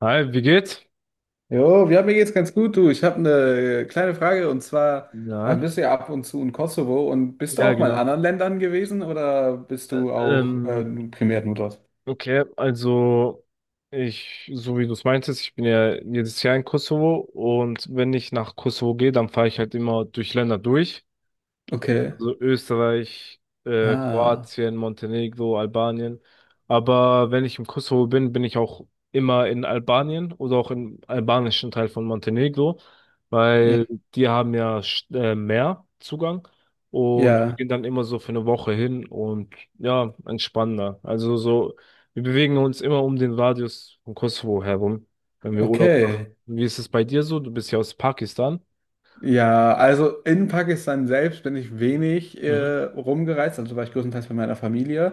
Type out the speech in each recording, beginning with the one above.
Hi, wie geht's? Jo, ja, mir geht's ganz gut, du. Ich habe eine kleine Frage, und zwar Ja, bist du ja ab und zu in Kosovo, und bist du ja, auch mal in genau. anderen Ländern gewesen oder bist du auch Ähm, primär nur dort? okay, also ich, so wie du es meintest, ich bin ja jedes Jahr in Kosovo, und wenn ich nach Kosovo gehe, dann fahre ich halt immer durch Länder durch. Okay. So Österreich, Ah, Kroatien, Montenegro, Albanien. Aber wenn ich im Kosovo bin, bin ich auch immer in Albanien oder auch im albanischen Teil von Montenegro, ja, weil die haben ja mehr Zugang, und wir ja, gehen dann immer so für eine Woche hin und ja, entspannender. Also so, wir bewegen uns immer um den Radius von Kosovo herum, wenn wir Urlaub machen. okay. Wie ist es bei dir so? Du bist ja aus Pakistan. Ja, also in Pakistan selbst bin ich wenig Mhm. Rumgereist, also war ich größtenteils bei meiner Familie.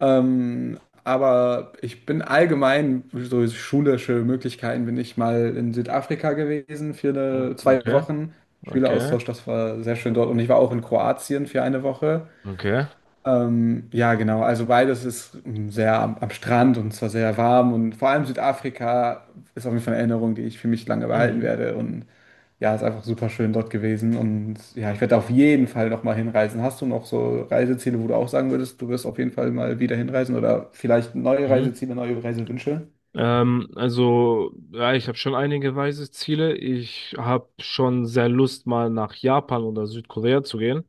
Aber ich bin allgemein, so schulische Möglichkeiten, bin ich mal in Südafrika gewesen für eine, zwei Okay, Wochen. okay, Schüleraustausch, das war sehr schön dort. Und ich war auch in Kroatien für eine Woche. okay. Ja, genau. Also beides ist sehr am, Strand, und zwar sehr warm, und vor allem Südafrika ist auf jeden Fall eine Erinnerung, die ich für mich lange behalten Mhm. werde, und ja, ist einfach super schön dort gewesen, und ja, ich werde auf jeden Fall noch mal hinreisen. Hast du noch so Reiseziele, wo du auch sagen würdest, du wirst auf jeden Fall mal wieder hinreisen, oder vielleicht neue Mhm. Reiseziele, neue Reisewünsche? Also, ja, ich habe schon einige weise Ziele. Ich habe schon sehr Lust, mal nach Japan oder Südkorea zu gehen.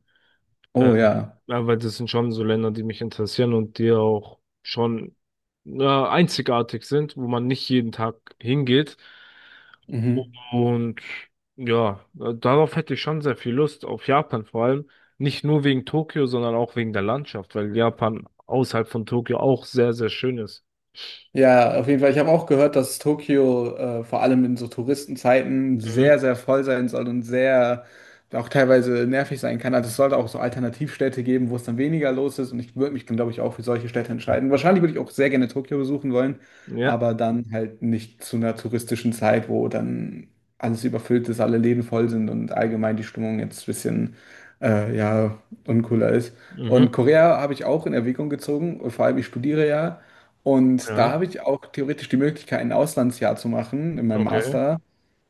Äh, Oh ja. ja, weil das sind schon so Länder, die mich interessieren und die auch schon einzigartig sind, wo man nicht jeden Tag hingeht. Mhm. Und ja, darauf hätte ich schon sehr viel Lust, auf Japan vor allem. Nicht nur wegen Tokio, sondern auch wegen der Landschaft, weil Japan außerhalb von Tokio auch sehr, sehr schön ist. Ja, auf jeden Fall. Ich habe auch gehört, dass Tokio vor allem in so Touristenzeiten Mhm. sehr, sehr voll sein soll und sehr auch teilweise nervig sein kann. Also es sollte auch so Alternativstädte geben, wo es dann weniger los ist. Und ich würde mich, glaube ich, auch für solche Städte entscheiden. Wahrscheinlich würde ich auch sehr gerne Tokio besuchen wollen, Ja. aber dann halt nicht zu einer touristischen Zeit, wo dann alles überfüllt ist, alle Läden voll sind und allgemein die Stimmung jetzt ein bisschen ja, uncooler ist. Und Mhm. Korea habe ich auch in Erwägung gezogen. Vor allem, ich studiere ja. Und da Ja, habe ich auch theoretisch die Möglichkeit, ein Auslandsjahr zu machen in meinem okay. Master.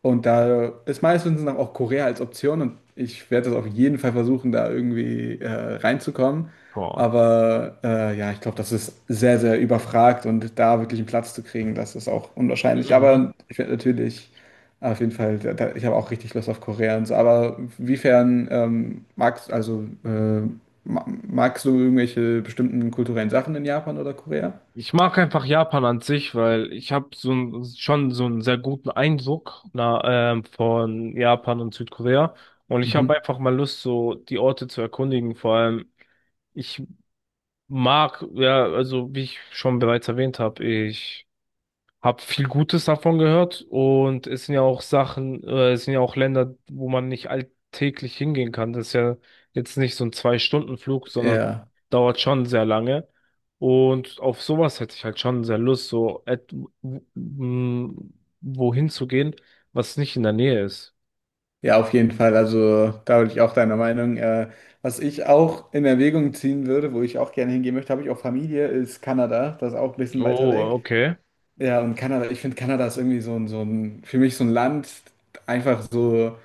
Und da ist meines Wissens nach auch Korea als Option, und ich werde das auf jeden Fall versuchen, da irgendwie reinzukommen. Boah. Aber ja, ich glaube, das ist sehr, sehr überfragt, und da wirklich einen Platz zu kriegen, das ist auch unwahrscheinlich. Mhm. Aber ich werde natürlich auf jeden Fall, ich habe auch richtig Lust auf Korea und so. Aber inwiefern magst du irgendwelche bestimmten kulturellen Sachen in Japan oder Korea? Ich mag einfach Japan an sich, weil ich habe so ein, schon so einen sehr guten Eindruck na, von Japan und Südkorea. Und ich habe Mhm. einfach mal Lust, so die Orte zu erkundigen. Vor allem, ich mag, ja, also wie ich schon bereits erwähnt habe, ich hab viel Gutes davon gehört, und es sind ja auch Sachen, es sind ja auch Länder, wo man nicht alltäglich hingehen kann. Das ist ja jetzt nicht so ein Zwei-Stunden-Flug, sondern Ja, dauert schon sehr lange. Und auf sowas hätte ich halt schon sehr Lust, so w- m, wohin zu gehen, was nicht in der Nähe ist. ja, auf jeden Fall. Also da bin ich auch deiner Meinung. Was ich auch in Erwägung ziehen würde, wo ich auch gerne hingehen möchte, habe ich auch Familie, ist Kanada. Das ist auch ein bisschen weiter Oh, weg. okay. Ja, und Kanada, ich finde, Kanada ist irgendwie so ein, für mich so ein Land, einfach so.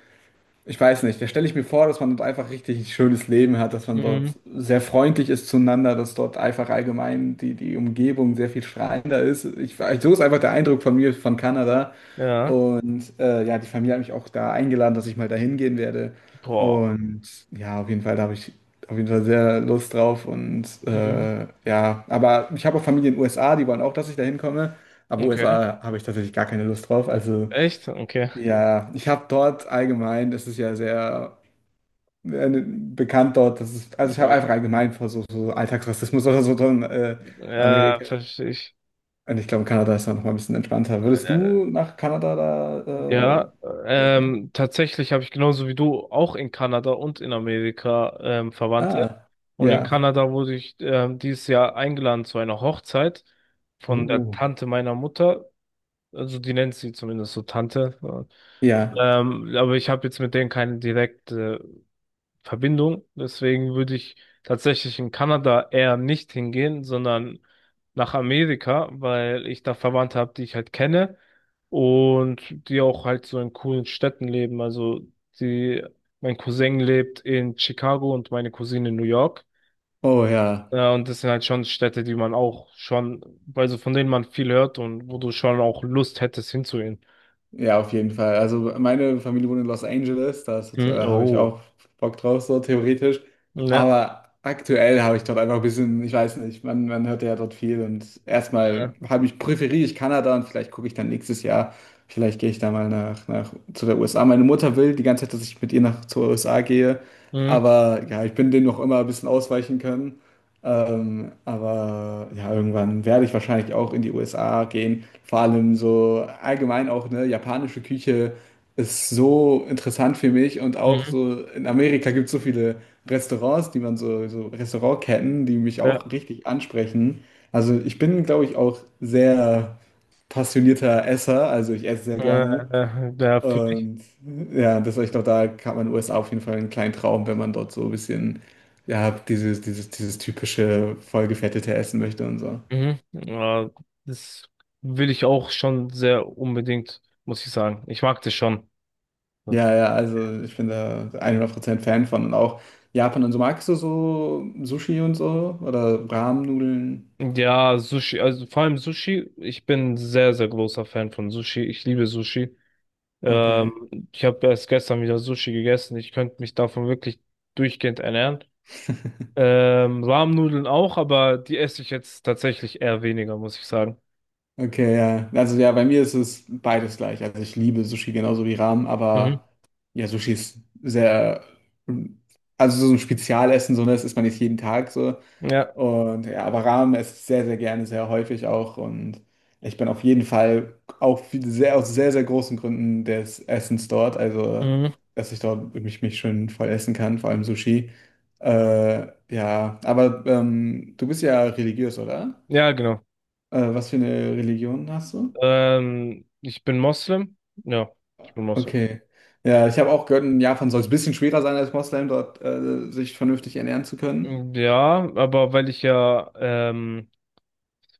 Ich weiß nicht, da stelle ich mir vor, dass man dort einfach richtig ein schönes Leben hat, dass man dort Mhm. sehr freundlich ist zueinander, dass dort einfach allgemein die Umgebung sehr viel strahlender ist. So ist einfach der Eindruck von mir von Kanada. Ja. Und ja, die Familie hat mich auch da eingeladen, dass ich mal dahin gehen werde. Boah. Und ja, auf jeden Fall, da habe ich auf jeden Fall sehr Lust drauf. Und Mhm. Ja, aber ich habe auch Familie in den USA, die wollen auch, dass ich da hinkomme. Aber Okay. USA habe ich tatsächlich gar keine Lust drauf. Also Echt? Okay. ja, ich habe dort allgemein, das ist ja sehr bekannt dort, dass es, also ich habe Ja, einfach allgemein vor so Alltagsrassismus oder so drin, ja, Amerika. verstehe ich. Und ich glaube, Kanada ist da noch mal ein bisschen entspannter. Würdest du nach Kanada Ja, Amerika gehen? Tatsächlich habe ich, genauso wie du, auch in Kanada und in Amerika Verwandte. Ah, Und in ja. Kanada wurde ich dieses Jahr eingeladen zu einer Hochzeit von der Uh. Tante meiner Mutter. Also die nennt sie zumindest so Tante. Ja. Aber ich habe jetzt mit denen keine direkte Verbindung. Deswegen würde ich tatsächlich in Kanada eher nicht hingehen, sondern nach Amerika, weil ich da Verwandte habe, die ich halt kenne und die auch halt so in coolen Städten leben. Also die, mein Cousin lebt in Chicago und meine Cousine in New York. Oh ja. Und das sind halt schon Städte, die man auch schon, also von denen man viel hört und wo du schon auch Lust hättest hinzugehen. Ja, auf jeden Fall. Also meine Familie wohnt in Los Angeles, Hm, da habe ich oh. auch Bock drauf, so theoretisch. Ja. Aber aktuell habe ich dort einfach ein bisschen, ich weiß nicht, man hört ja dort viel, und erstmal Ja. Präferiere ich Kanada, und vielleicht gucke ich dann nächstes Jahr, vielleicht gehe ich da mal nach zu der USA. Meine Mutter will die ganze Zeit, dass ich mit ihr nach zur USA gehe, Mhm. aber ja, ich bin dem noch immer ein bisschen ausweichen können. Aber ja, irgendwann werde ich wahrscheinlich auch in die USA gehen. Vor allem so allgemein auch, ne, japanische Küche ist so interessant für mich, und auch Mhm. so in Amerika gibt es so viele Restaurants, die man so, so Restaurantketten, die mich Ja. auch richtig ansprechen. Also ich bin, glaube ich, auch sehr passionierter Esser, also ich esse sehr gerne, Ja, fühl ich. und ja, das war, ich glaube, da hat man in den USA auf jeden Fall einen kleinen Traum, wenn man dort so ein bisschen, ja, dieses typische vollgefettete Essen möchte und so. Mhm. Ja, das will ich auch schon sehr unbedingt, muss ich sagen. Ich mag das schon. Ja, ja, also ich bin da 100% Fan von, und auch Japan und so. Magst du so Sushi und so oder Ramen-Nudeln? Ja, Sushi, also vor allem Sushi. Ich bin sehr, sehr großer Fan von Sushi. Ich liebe Sushi. Okay. Ich habe erst gestern wieder Sushi gegessen. Ich könnte mich davon wirklich durchgehend ernähren. Rahmnudeln auch, aber die esse ich jetzt tatsächlich eher weniger, muss ich sagen. Okay, ja. Also ja, bei mir ist es beides gleich. Also ich liebe Sushi genauso wie Ramen, Mhm. aber ja, Sushi ist sehr, also so ein Spezialessen, so, ne? Das isst man nicht jeden Tag so. Ja, Und ja, aber Ramen esse ich sehr, sehr gerne, sehr häufig auch. Und ich bin auf jeden Fall auch aus sehr, sehr großen Gründen des Essens dort. Also, mhm. dass ich dort mich schön voll essen kann, vor allem Sushi. Ja, aber du bist ja religiös, oder? Ja, genau. Was für eine Religion hast du? Ich bin Moslem. Ja, ich bin Moslem. Okay. Ja, ich habe auch gehört, in Japan soll es ein bisschen schwerer sein als Moslem, dort sich vernünftig ernähren zu können. Ja, aber weil ich ja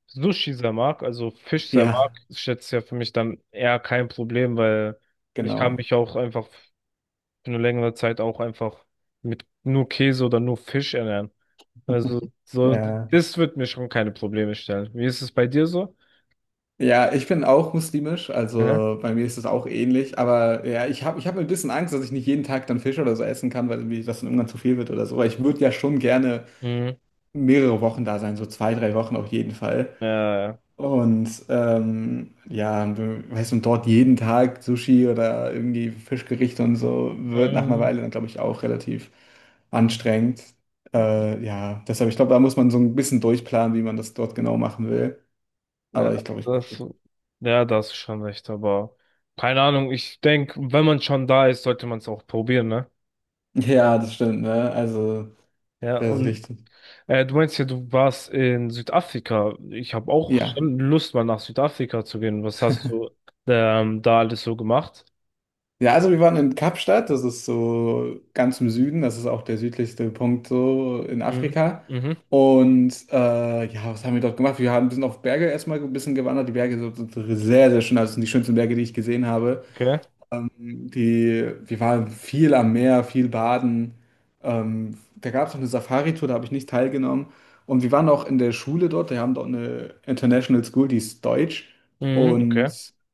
Sushi sehr mag, also Fisch sehr mag, Ja, ist jetzt ja für mich dann eher kein Problem, weil ich kann genau. mich auch einfach für eine längere Zeit auch einfach mit nur Käse oder nur Fisch ernähren. Also so, Ja. das wird mir schon keine Probleme stellen. Wie ist es bei dir so? Ja, ich bin auch muslimisch, Aha. also bei mir ist es auch ähnlich, aber ja, ich hab ein bisschen Angst, dass ich nicht jeden Tag dann Fisch oder so essen kann, weil irgendwie das dann irgendwann zu viel wird oder so. Weil ich würde ja schon gerne Mhm. mehrere Wochen da sein, so 2, 3 Wochen auf jeden Fall. Äh, Und ja, weißt du, und dort jeden Tag Sushi oder irgendwie Fischgerichte und so wird nach einer mh, Weile dann, glaube ich, auch relativ anstrengend. Ja, deshalb, ich glaube, da muss man so ein bisschen durchplanen, wie man das dort genau machen will. ja, Aber ich glaube, ich. das, ja, da hast du schon recht, aber keine Ahnung, ich denke, wenn man schon da ist, sollte man es auch probieren, ne? Ja, das stimmt, ne? Also, Ja, das ist und richtig. Du meinst ja, du warst in Südafrika. Ich habe auch Ja. schon Lust, mal nach Südafrika zu gehen. Was hast du da alles so gemacht? Ja, also wir waren in Kapstadt, das ist so ganz im Süden, das ist auch der südlichste Punkt so in Mhm. Afrika. Mhm. Und ja, was haben wir dort gemacht? Wir sind auf Berge erstmal ein bisschen gewandert. Die Berge sind sehr, sehr schön. Also das sind die schönsten Berge, die ich gesehen habe. Okay. Ähm, wir waren viel am Meer, viel baden. Da gab es noch eine Safari-Tour, da habe ich nicht teilgenommen. Und wir waren auch in der Schule dort, wir haben dort eine International School, die ist deutsch. Mhm. Und Okay.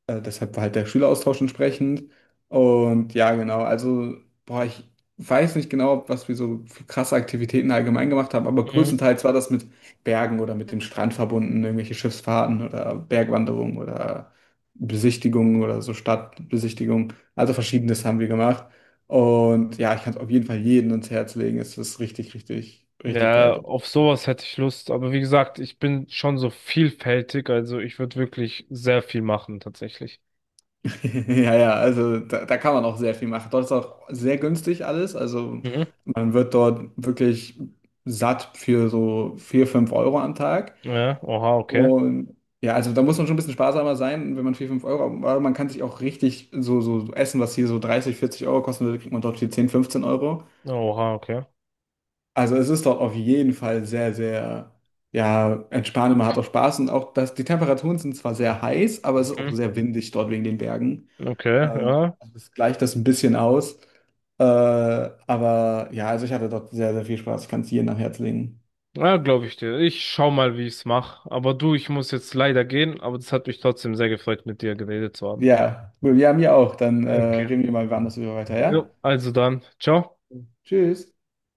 deshalb war halt der Schüleraustausch entsprechend. Und ja, genau, also, boah, ich weiß nicht genau, was wir so für krasse Aktivitäten allgemein gemacht haben, aber Mhm. größtenteils war das mit Bergen oder mit dem Strand verbunden, irgendwelche Schiffsfahrten oder Bergwanderungen oder Besichtigungen oder so Stadtbesichtigungen. Also Verschiedenes haben wir gemacht. Und ja, ich kann es auf jeden Fall jedem ans Herz legen. Es ist richtig, richtig, richtig geil. Ja, dort. auf sowas hätte ich Lust. Aber wie gesagt, ich bin schon so vielfältig. Also ich würde wirklich sehr viel machen, tatsächlich. Ja, ja, also da kann man auch sehr viel machen. Dort ist auch sehr günstig alles. Also Mhm. man wird dort wirklich satt für so 4, 5 Euro am Tag. Ja. Oha, okay. Und ja, also da muss man schon ein bisschen sparsamer sein, wenn man 4, 5 Euro, aber man kann sich auch richtig so Essen, was hier so 30, 40 Euro kosten würde, kriegt man dort für 10, 15 Euro. Oha, okay. Also es ist dort auf jeden Fall sehr, sehr, ja, entspannend. Man hat auch Spaß, und auch das, die Temperaturen sind zwar sehr heiß, aber es ist auch Mhm. sehr windig dort wegen den Bergen. Okay, Ähm, ja. also es gleicht das ein bisschen aus. Aber ja, also ich hatte dort sehr, sehr viel Spaß. Ich kann es jedem am Herzen legen. Ja, glaube ich dir. Ich schau mal, wie ich's mache. Aber du, ich muss jetzt leider gehen, aber das hat mich trotzdem sehr gefreut, mit dir geredet zu haben. Ja, cool. Ja, mir auch. Dann Okay. reden wir mal wann das über weiter, Jo, ja? also dann, ciao. Tschüss.